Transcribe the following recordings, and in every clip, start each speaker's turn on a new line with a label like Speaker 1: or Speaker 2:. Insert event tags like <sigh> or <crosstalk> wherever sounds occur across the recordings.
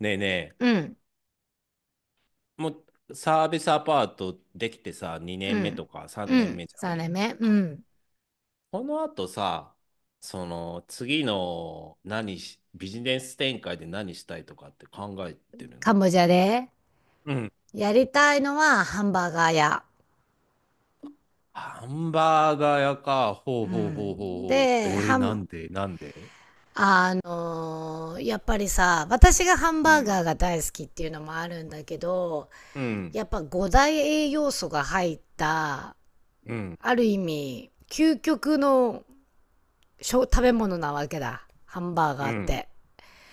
Speaker 1: ねえね
Speaker 2: う
Speaker 1: え、
Speaker 2: ん、
Speaker 1: もうサービスアパートできてさ、2
Speaker 2: う
Speaker 1: 年目と
Speaker 2: ん、
Speaker 1: か3
Speaker 2: う
Speaker 1: 年
Speaker 2: ん、
Speaker 1: 目じゃ
Speaker 2: そ
Speaker 1: ん
Speaker 2: うだね、う
Speaker 1: か、
Speaker 2: ん。
Speaker 1: この後さ、その次のビジネス展開で何したいとかって考えてる
Speaker 2: カ
Speaker 1: ん？
Speaker 2: ンボジアで。
Speaker 1: うん。
Speaker 2: やりたいのはハンバーガー屋。
Speaker 1: ハンバーガーやか、方
Speaker 2: う
Speaker 1: 方
Speaker 2: ん。
Speaker 1: 法
Speaker 2: で、
Speaker 1: a
Speaker 2: ハ
Speaker 1: な
Speaker 2: ン、
Speaker 1: んてなんで？
Speaker 2: あのーやっぱりさ、私がハン
Speaker 1: う
Speaker 2: バー
Speaker 1: ん
Speaker 2: ガーが大好きっていうのもあるんだけど、
Speaker 1: うん
Speaker 2: やっぱ五大栄養素が入った、
Speaker 1: うん
Speaker 2: ある意味、究極の食べ物なわけだ、ハンバー
Speaker 1: う
Speaker 2: ガーっ
Speaker 1: ん
Speaker 2: て。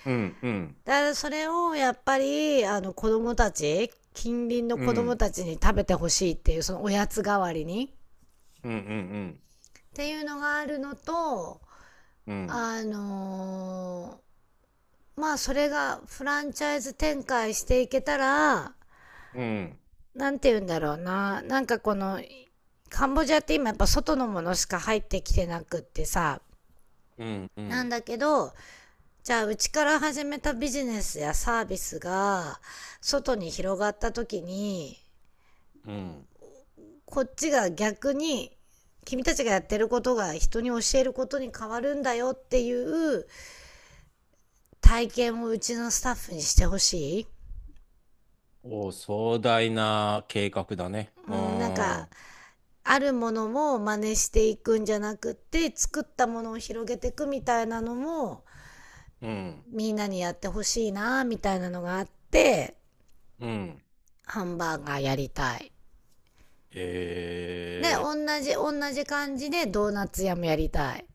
Speaker 1: うんうん
Speaker 2: だからそれをやっぱり、あの、子供たち近隣の
Speaker 1: う
Speaker 2: 子
Speaker 1: ん、
Speaker 2: 供
Speaker 1: で、
Speaker 2: たちに食べてほしいっていう、そのおやつ代わりに
Speaker 1: うんうん
Speaker 2: っていうのがあるのと、
Speaker 1: うんうん
Speaker 2: あのーまあそれがフランチャイズ展開していけたら、
Speaker 1: うん
Speaker 2: なんて言うんだろうな、なんかこの、カンボジアって今やっぱ外のものしか入ってきてなくってさ、
Speaker 1: うんうんうんう
Speaker 2: なん
Speaker 1: ん
Speaker 2: だけど、じゃあうちから始めたビジネスやサービスが外に広がった時に、
Speaker 1: うんうんうんうんうんうん。
Speaker 2: こっちが逆に、君たちがやってることが人に教えることに変わるんだよっていう体験をうちのスタッフにしてほしい。
Speaker 1: お、壮大な計画だね。
Speaker 2: う
Speaker 1: う
Speaker 2: ん、なん
Speaker 1: ー
Speaker 2: か、
Speaker 1: ん。
Speaker 2: あるものを真似していくんじゃなくって、作ったものを広げていくみたいなのも
Speaker 1: うん。
Speaker 2: みんなにやってほしいなみたいなのがあって、
Speaker 1: うん。
Speaker 2: ハンバーガーやりたい。
Speaker 1: へ
Speaker 2: で、
Speaker 1: え。
Speaker 2: 同じ感じでドーナツ屋もやりたい。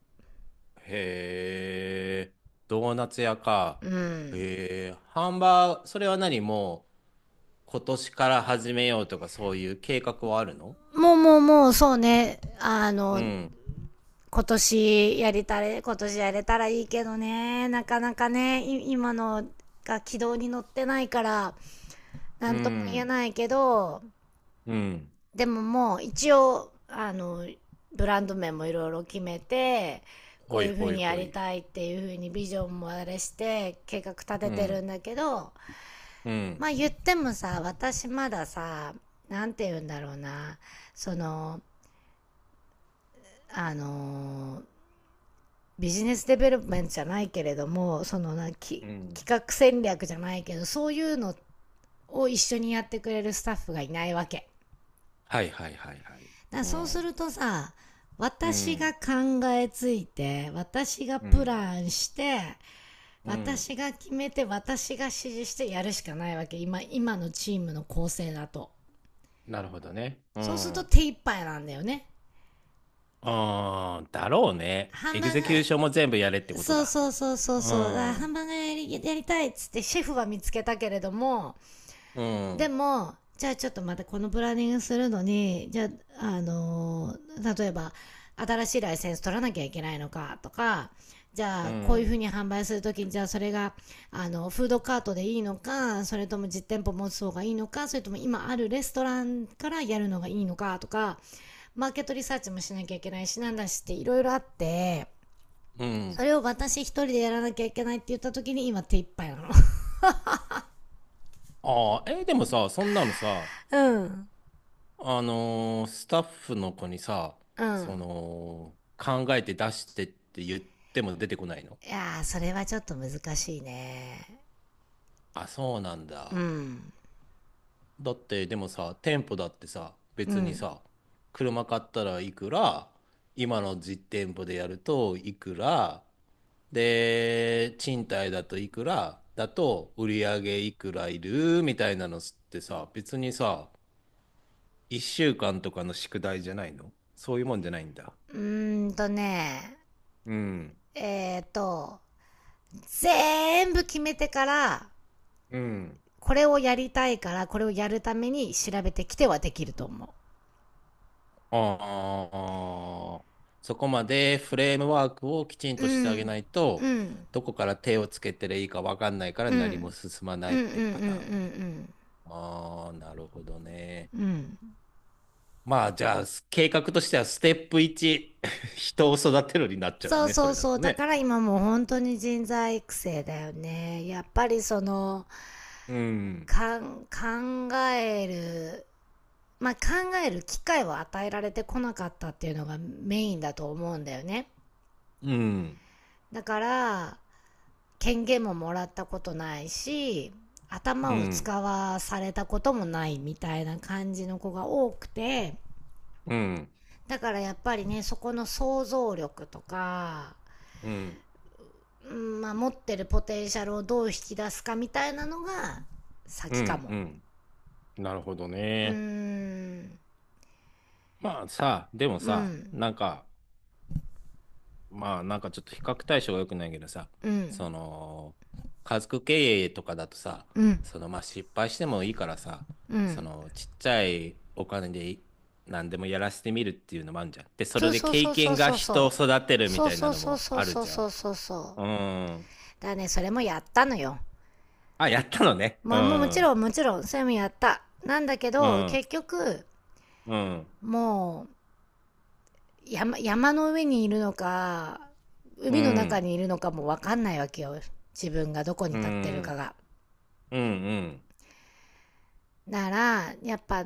Speaker 1: へえ。ドーナツ屋か。
Speaker 2: うん。
Speaker 1: へえ。ハンバー、それはもう今年から始めようとかそういう計画はあるの？
Speaker 2: もうそうね、あ
Speaker 1: う
Speaker 2: の、
Speaker 1: ん。
Speaker 2: 今年やれたら、今年やれたらいいけどね、なかなかね、今のが軌道に乗ってないから、な
Speaker 1: う
Speaker 2: んとも言え
Speaker 1: ん。
Speaker 2: ないけど、
Speaker 1: うん。
Speaker 2: でももう一応、あの、ブランド名もいろいろ決めて、こ
Speaker 1: ほ
Speaker 2: う
Speaker 1: い
Speaker 2: いうふう
Speaker 1: ほい
Speaker 2: にや
Speaker 1: ほ
Speaker 2: り
Speaker 1: い。
Speaker 2: たいっていう風にビジョンもあれして計画立
Speaker 1: う
Speaker 2: ててるん
Speaker 1: ん。
Speaker 2: だけど、
Speaker 1: うん。
Speaker 2: まあ言ってもさ、私まださ、なんて言うんだろうな、その、あの、ビジネスデベロップメントじゃないけれども、その、
Speaker 1: うん。
Speaker 2: 企画戦略じゃないけど、そういうのを一緒にやってくれるスタッフがいないわけ
Speaker 1: はいはいはいはい。
Speaker 2: だ。
Speaker 1: う
Speaker 2: そうす
Speaker 1: ん。
Speaker 2: るとさ、
Speaker 1: う
Speaker 2: 私が
Speaker 1: ん。
Speaker 2: 考えついて、私が
Speaker 1: う
Speaker 2: プ
Speaker 1: ん。
Speaker 2: ランして、
Speaker 1: うん。
Speaker 2: 私が決めて、私が指示してやるしかないわけ、今のチームの構成だと。
Speaker 1: なるほどね。う
Speaker 2: そうすると
Speaker 1: ん。
Speaker 2: 手一杯なんだよね。
Speaker 1: うーん、だろうね。
Speaker 2: ハン
Speaker 1: エ
Speaker 2: バ
Speaker 1: グ
Speaker 2: ー
Speaker 1: ゼ
Speaker 2: ガー
Speaker 1: キューションも全部やれってこと
Speaker 2: そう
Speaker 1: だ。
Speaker 2: そうそうそう
Speaker 1: う
Speaker 2: そう、ハ
Speaker 1: ん、
Speaker 2: ンバーガーやりたいっつって、シェフは見つけたけれども、
Speaker 1: う
Speaker 2: で
Speaker 1: ん、
Speaker 2: もじゃあちょっとまた、このプランニングするのに、じゃあ、例えば新しいライセンス取らなきゃいけないのかとか、じゃ
Speaker 1: う
Speaker 2: あこういうふ
Speaker 1: ん、
Speaker 2: うに販売するときに、じゃあそれが、あのフードカートでいいのか、それとも実店舗持つ方がいいのか、それとも今あるレストランからやるのがいいのかとか、マーケットリサーチもしなきゃいけないしなんだしって、いろいろあって、
Speaker 1: う
Speaker 2: そ
Speaker 1: ん。
Speaker 2: れを私一人でやらなきゃいけないって言ったときに今手一杯なの。<laughs>
Speaker 1: ああ、でもさ、そんなのさ、
Speaker 2: うん、
Speaker 1: スタッフの子にさ、
Speaker 2: う
Speaker 1: そ
Speaker 2: ん、
Speaker 1: の、考えて出してって言っても出てこないの？
Speaker 2: いやー、それはちょっと難しいね。
Speaker 1: あ、そうなん
Speaker 2: う
Speaker 1: だ。
Speaker 2: ん。
Speaker 1: だってでもさ、店舗だってさ、
Speaker 2: う
Speaker 1: 別に
Speaker 2: ん。
Speaker 1: さ、車買ったらいくら、今の実店舗でやるといくら、で、賃貸だといくら、だと売り上げいくらいるみたいなのってさ、別にさ、1週間とかの宿題じゃないの？そういうもんじゃないんだ。
Speaker 2: うーんとね、
Speaker 1: うん。
Speaker 2: えーと、全部決めてから、
Speaker 1: うん。
Speaker 2: これをやりたいから、これをやるために調べてきてはできると思
Speaker 1: ああ、そこまでフレームワークをきちん
Speaker 2: う。う
Speaker 1: としてあげ
Speaker 2: ん。
Speaker 1: ない
Speaker 2: う
Speaker 1: と、
Speaker 2: ん。
Speaker 1: どこから手をつけてりゃいいかわかんないから
Speaker 2: うん。うん、
Speaker 1: 何も進
Speaker 2: う
Speaker 1: まないっ
Speaker 2: ん、うん、う
Speaker 1: てパターン。
Speaker 2: ん、
Speaker 1: ああ、なるほどね。
Speaker 2: うん、うん。
Speaker 1: まあ、じゃあ、計画としてはステップ1、<laughs> 人を育てるになっちゃう
Speaker 2: そう
Speaker 1: ね、そ
Speaker 2: そう
Speaker 1: れだ
Speaker 2: そ
Speaker 1: と
Speaker 2: う。だか
Speaker 1: ね。
Speaker 2: ら今もう本当に人材育成だよね。やっぱりその、
Speaker 1: うん、
Speaker 2: かん、考えるまあ、考える機会を与えられてこなかったっていうのがメインだと思うんだよね。
Speaker 1: うん、
Speaker 2: だから、権限ももらったことないし、頭
Speaker 1: う
Speaker 2: を
Speaker 1: ん、
Speaker 2: 使わされたこともないみたいな感じの子が多くて、
Speaker 1: うん、
Speaker 2: だからやっぱりね、そこの想像力とか、
Speaker 1: うん、
Speaker 2: うん、まあ、持ってるポテンシャルをどう引き出すかみたいなのが
Speaker 1: う
Speaker 2: 先か
Speaker 1: ん、
Speaker 2: も。
Speaker 1: うん。なるほど
Speaker 2: うー
Speaker 1: ね。
Speaker 2: ん、
Speaker 1: まあさ、でも
Speaker 2: う
Speaker 1: さ、
Speaker 2: ん、
Speaker 1: なんか、まあなんかちょっと比較対象が良くないけどさ、
Speaker 2: う
Speaker 1: そ
Speaker 2: ん、
Speaker 1: の、家族経営とかだとさ、
Speaker 2: うん、
Speaker 1: そのまあ失敗してもいいからさ、
Speaker 2: う
Speaker 1: そ
Speaker 2: ん。
Speaker 1: のちっちゃいお金で何でもやらせてみるっていうのもあるじゃん。で、そ
Speaker 2: そ
Speaker 1: れ
Speaker 2: う
Speaker 1: で
Speaker 2: そう
Speaker 1: 経
Speaker 2: そうそ
Speaker 1: 験
Speaker 2: う
Speaker 1: が
Speaker 2: そう
Speaker 1: 人を
Speaker 2: そ
Speaker 1: 育て
Speaker 2: う。
Speaker 1: るみ
Speaker 2: そう
Speaker 1: たい
Speaker 2: そ
Speaker 1: な
Speaker 2: う
Speaker 1: の
Speaker 2: そう
Speaker 1: も
Speaker 2: そう
Speaker 1: ある
Speaker 2: そう
Speaker 1: じゃ
Speaker 2: そ
Speaker 1: ん。
Speaker 2: うそうそうそうそうそうそうそう
Speaker 1: うん。
Speaker 2: だからね、それもやったのよ。
Speaker 1: あ、やったのね。う
Speaker 2: まあもうもち
Speaker 1: ん。
Speaker 2: ろんもちろん、それもやった。なんだけ
Speaker 1: う
Speaker 2: ど、
Speaker 1: ん。
Speaker 2: 結局、
Speaker 1: うん。
Speaker 2: もう、山の上にいるのか、
Speaker 1: う
Speaker 2: 海の中
Speaker 1: ん。
Speaker 2: にいるのかもわかんないわけよ、自分がどこに
Speaker 1: う
Speaker 2: 立ってるか
Speaker 1: ん。
Speaker 2: が。
Speaker 1: うん。
Speaker 2: なら、やっぱ、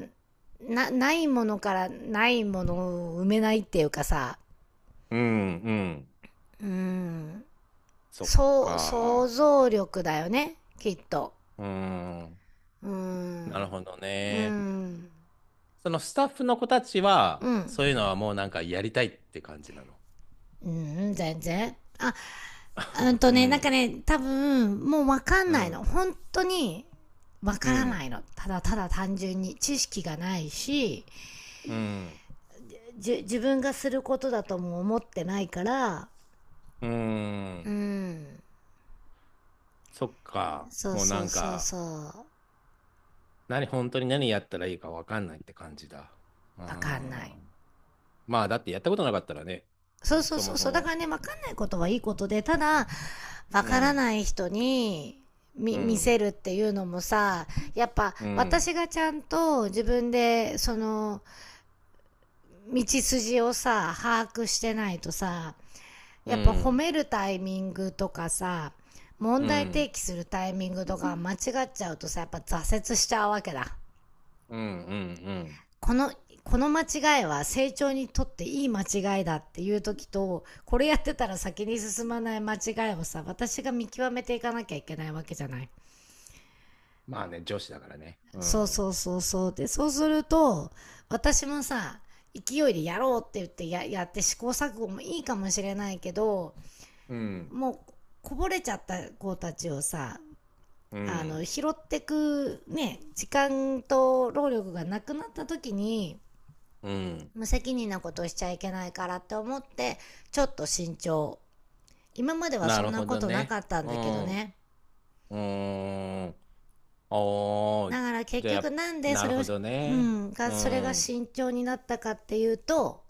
Speaker 2: ないものからないものを埋めないっていうかさ、
Speaker 1: うん。うん。
Speaker 2: うーん、
Speaker 1: そっ
Speaker 2: そう、想
Speaker 1: か。
Speaker 2: 像力だよね、きっと。
Speaker 1: うん。
Speaker 2: うー
Speaker 1: な
Speaker 2: ん。
Speaker 1: るほど
Speaker 2: うー
Speaker 1: ね。
Speaker 2: ん。
Speaker 1: そのスタッフの子たち
Speaker 2: う
Speaker 1: は、
Speaker 2: ん。
Speaker 1: そういうのはもうなんかやりたいって感じなの？
Speaker 2: うん、全然。あ、うん
Speaker 1: <laughs>
Speaker 2: と
Speaker 1: う
Speaker 2: ね、なんか
Speaker 1: ん。
Speaker 2: ね、多分、もうわかん
Speaker 1: う
Speaker 2: ないの。
Speaker 1: ん。
Speaker 2: 本当に、わ
Speaker 1: う
Speaker 2: からな
Speaker 1: ん。
Speaker 2: いの。ただただ単純に知識がないし、
Speaker 1: うん。
Speaker 2: 自分がすることだとも思ってないから、
Speaker 1: う
Speaker 2: う
Speaker 1: ん。
Speaker 2: ん。
Speaker 1: そっか。
Speaker 2: そう
Speaker 1: もうな
Speaker 2: そう
Speaker 1: ん
Speaker 2: そう
Speaker 1: か、
Speaker 2: そう。
Speaker 1: 何、本当に何やったらいいかわかんないって感じだ。う
Speaker 2: わかんない。
Speaker 1: ん。まあ、だってやったことなかったらね、
Speaker 2: そうそう
Speaker 1: そ
Speaker 2: そ
Speaker 1: も
Speaker 2: う
Speaker 1: そ
Speaker 2: そう。だか
Speaker 1: も。
Speaker 2: らね、わかんないことはいいことで、ただ、わ
Speaker 1: う
Speaker 2: から
Speaker 1: ん。
Speaker 2: ない人に、
Speaker 1: う
Speaker 2: 見せ
Speaker 1: ん。
Speaker 2: るっていうのもさ、やっぱ
Speaker 1: うん。
Speaker 2: 私がちゃんと自分でその道筋をさ把握してないとさ、
Speaker 1: う
Speaker 2: やっぱ褒
Speaker 1: ん。
Speaker 2: めるタイミングとかさ、問
Speaker 1: うん。う
Speaker 2: 題提
Speaker 1: ん。
Speaker 2: 起するタイミングとか間違っちゃうとさ、やっぱ挫折しちゃうわけだ。
Speaker 1: うん。うん。
Speaker 2: この、この間違いは成長にとっていい間違いだっていう時と、これやってたら先に進まない間違いをさ、私が見極めていかなきゃいけないわけじゃない。
Speaker 1: まあね、女子だからね。う
Speaker 2: そうそ
Speaker 1: ん。
Speaker 2: うそうそう。で、そうすると、私もさ、勢いでやろうって言って、やって試行錯誤もいいかもしれないけど、
Speaker 1: うん。
Speaker 2: もうこぼれちゃった子たちをさ、
Speaker 1: う
Speaker 2: あの、
Speaker 1: ん。
Speaker 2: 拾ってくね、時間と労力がなくなった時に、
Speaker 1: うん。
Speaker 2: 無責任なことしちゃいけないからって思ってちょっと慎重、今までは
Speaker 1: な
Speaker 2: そん
Speaker 1: る
Speaker 2: な
Speaker 1: ほ
Speaker 2: こ
Speaker 1: ど
Speaker 2: となか
Speaker 1: ね。
Speaker 2: ったん
Speaker 1: う
Speaker 2: だけど
Speaker 1: ん。う
Speaker 2: ね。
Speaker 1: ーん。お
Speaker 2: だ
Speaker 1: ー。
Speaker 2: から結
Speaker 1: じゃあ、
Speaker 2: 局、なんで
Speaker 1: な
Speaker 2: そ
Speaker 1: る
Speaker 2: れを、
Speaker 1: ほど
Speaker 2: う
Speaker 1: ね。
Speaker 2: ん
Speaker 1: う
Speaker 2: がそれが
Speaker 1: ん。
Speaker 2: 慎重になったかっていうと、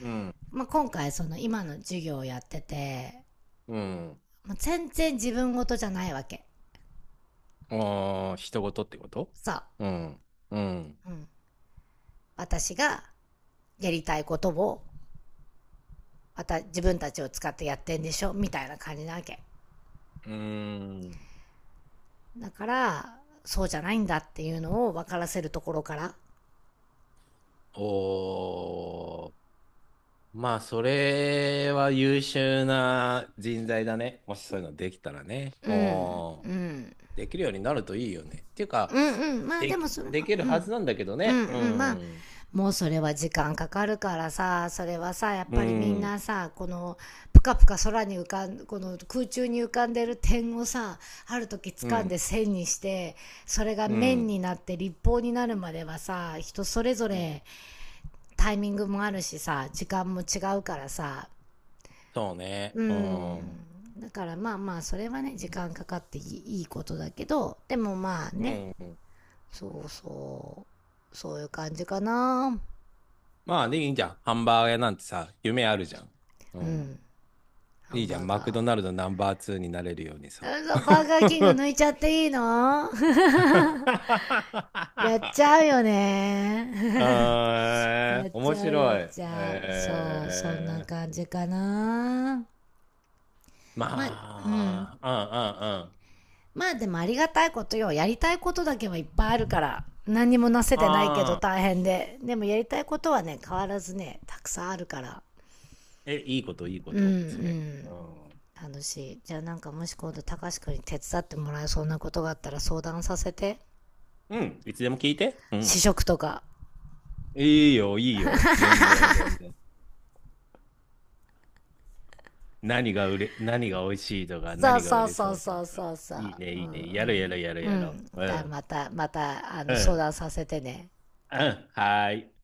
Speaker 1: うん。
Speaker 2: まあ、今回その今の授業をやってて、
Speaker 1: うん。
Speaker 2: もう全然自分事じゃないわけ
Speaker 1: おー、人事ってこと？
Speaker 2: さ
Speaker 1: うん。うん。
Speaker 2: あ、うん、私がやりたいことをまた自分たちを使ってやってんでしょみたいな感じなわけ。
Speaker 1: うーん。
Speaker 2: だからそうじゃないんだっていうのを分からせるところから、
Speaker 1: おー。まあ、それは優秀な人材だね。もしそういうのできたらね。
Speaker 2: うん、
Speaker 1: おー。
Speaker 2: うん。
Speaker 1: できるようになるといいよね。っていうか、
Speaker 2: うん、うん。まあでもそれ
Speaker 1: で
Speaker 2: は、
Speaker 1: きる
Speaker 2: う
Speaker 1: はず
Speaker 2: ん。
Speaker 1: なんだけど
Speaker 2: う
Speaker 1: ね。
Speaker 2: ん、
Speaker 1: う
Speaker 2: うん。まあ、
Speaker 1: ん。
Speaker 2: もうそれは時間かかるからさ、それはさ、やっ
Speaker 1: う
Speaker 2: ぱりみん
Speaker 1: ん。
Speaker 2: なさ、この、ぷかぷか空に浮かん、この空中に浮かんでる点をさ、ある時
Speaker 1: う
Speaker 2: 掴んで
Speaker 1: ん。
Speaker 2: 線にして、それが
Speaker 1: う
Speaker 2: 面
Speaker 1: ん。
Speaker 2: になって立方になるまではさ、人それぞ
Speaker 1: うん。
Speaker 2: れタイミングもあるしさ、時間も違うからさ、
Speaker 1: そうね。
Speaker 2: う
Speaker 1: う
Speaker 2: ん。
Speaker 1: ん。
Speaker 2: だからまあまあそれはね、時間かかっていいことだけど、でもまあ
Speaker 1: う
Speaker 2: ね、
Speaker 1: んうん。
Speaker 2: そうそう。そういう感じかな。
Speaker 1: まあ、でいいじゃん。ハンバーガー屋なんてさ、夢あるじゃん。う
Speaker 2: う
Speaker 1: ん。
Speaker 2: ん。ハ
Speaker 1: いい
Speaker 2: ン
Speaker 1: じゃん。
Speaker 2: バー
Speaker 1: マクド
Speaker 2: ガ
Speaker 1: ナルドナンバー2になれるようにさ。
Speaker 2: ー。うん、バーガーキング
Speaker 1: <laughs>
Speaker 2: 抜いちゃっていいの？ <laughs> やっちゃうよね。<laughs>
Speaker 1: あ
Speaker 2: や
Speaker 1: ー、
Speaker 2: っち
Speaker 1: 面
Speaker 2: ゃうやっ
Speaker 1: 白い。
Speaker 2: ちゃう。そう、そんな感じかな。まあ、
Speaker 1: ま
Speaker 2: うん。
Speaker 1: あ、うんうんうん。
Speaker 2: まあでもありがたいことよ。やりたいことだけはいっぱいあるから。何にもなせてないけど
Speaker 1: ああ、
Speaker 2: 大変で。でもやりたいことはね、変わらずね、たくさんあるから。
Speaker 1: え、いいこと、いいこ
Speaker 2: うん、う
Speaker 1: と、それ。
Speaker 2: ん、
Speaker 1: うん。
Speaker 2: 楽しい。じゃあ、なんかもし今度たかしくんに手伝ってもらえそうなことがあったら相談させて。
Speaker 1: うん、いつでも聞いて。う
Speaker 2: 試
Speaker 1: ん。
Speaker 2: 食とか。
Speaker 1: いいよ、いいよ。全然、全然。何が美味しいとか、
Speaker 2: さあ
Speaker 1: 何が
Speaker 2: さ
Speaker 1: 売
Speaker 2: あ
Speaker 1: れ
Speaker 2: さ
Speaker 1: そ
Speaker 2: あ
Speaker 1: うと
Speaker 2: さあ
Speaker 1: か。
Speaker 2: さあ
Speaker 1: いい
Speaker 2: さ
Speaker 1: ね、いいね。
Speaker 2: あ、
Speaker 1: やろうやろ
Speaker 2: うん、うん、
Speaker 1: うやろうや
Speaker 2: う
Speaker 1: ろ
Speaker 2: ん
Speaker 1: う。う
Speaker 2: だ、
Speaker 1: ん。
Speaker 2: またまた、あ
Speaker 1: う
Speaker 2: の、相
Speaker 1: ん。
Speaker 2: 談させてね。
Speaker 1: うん。はーい。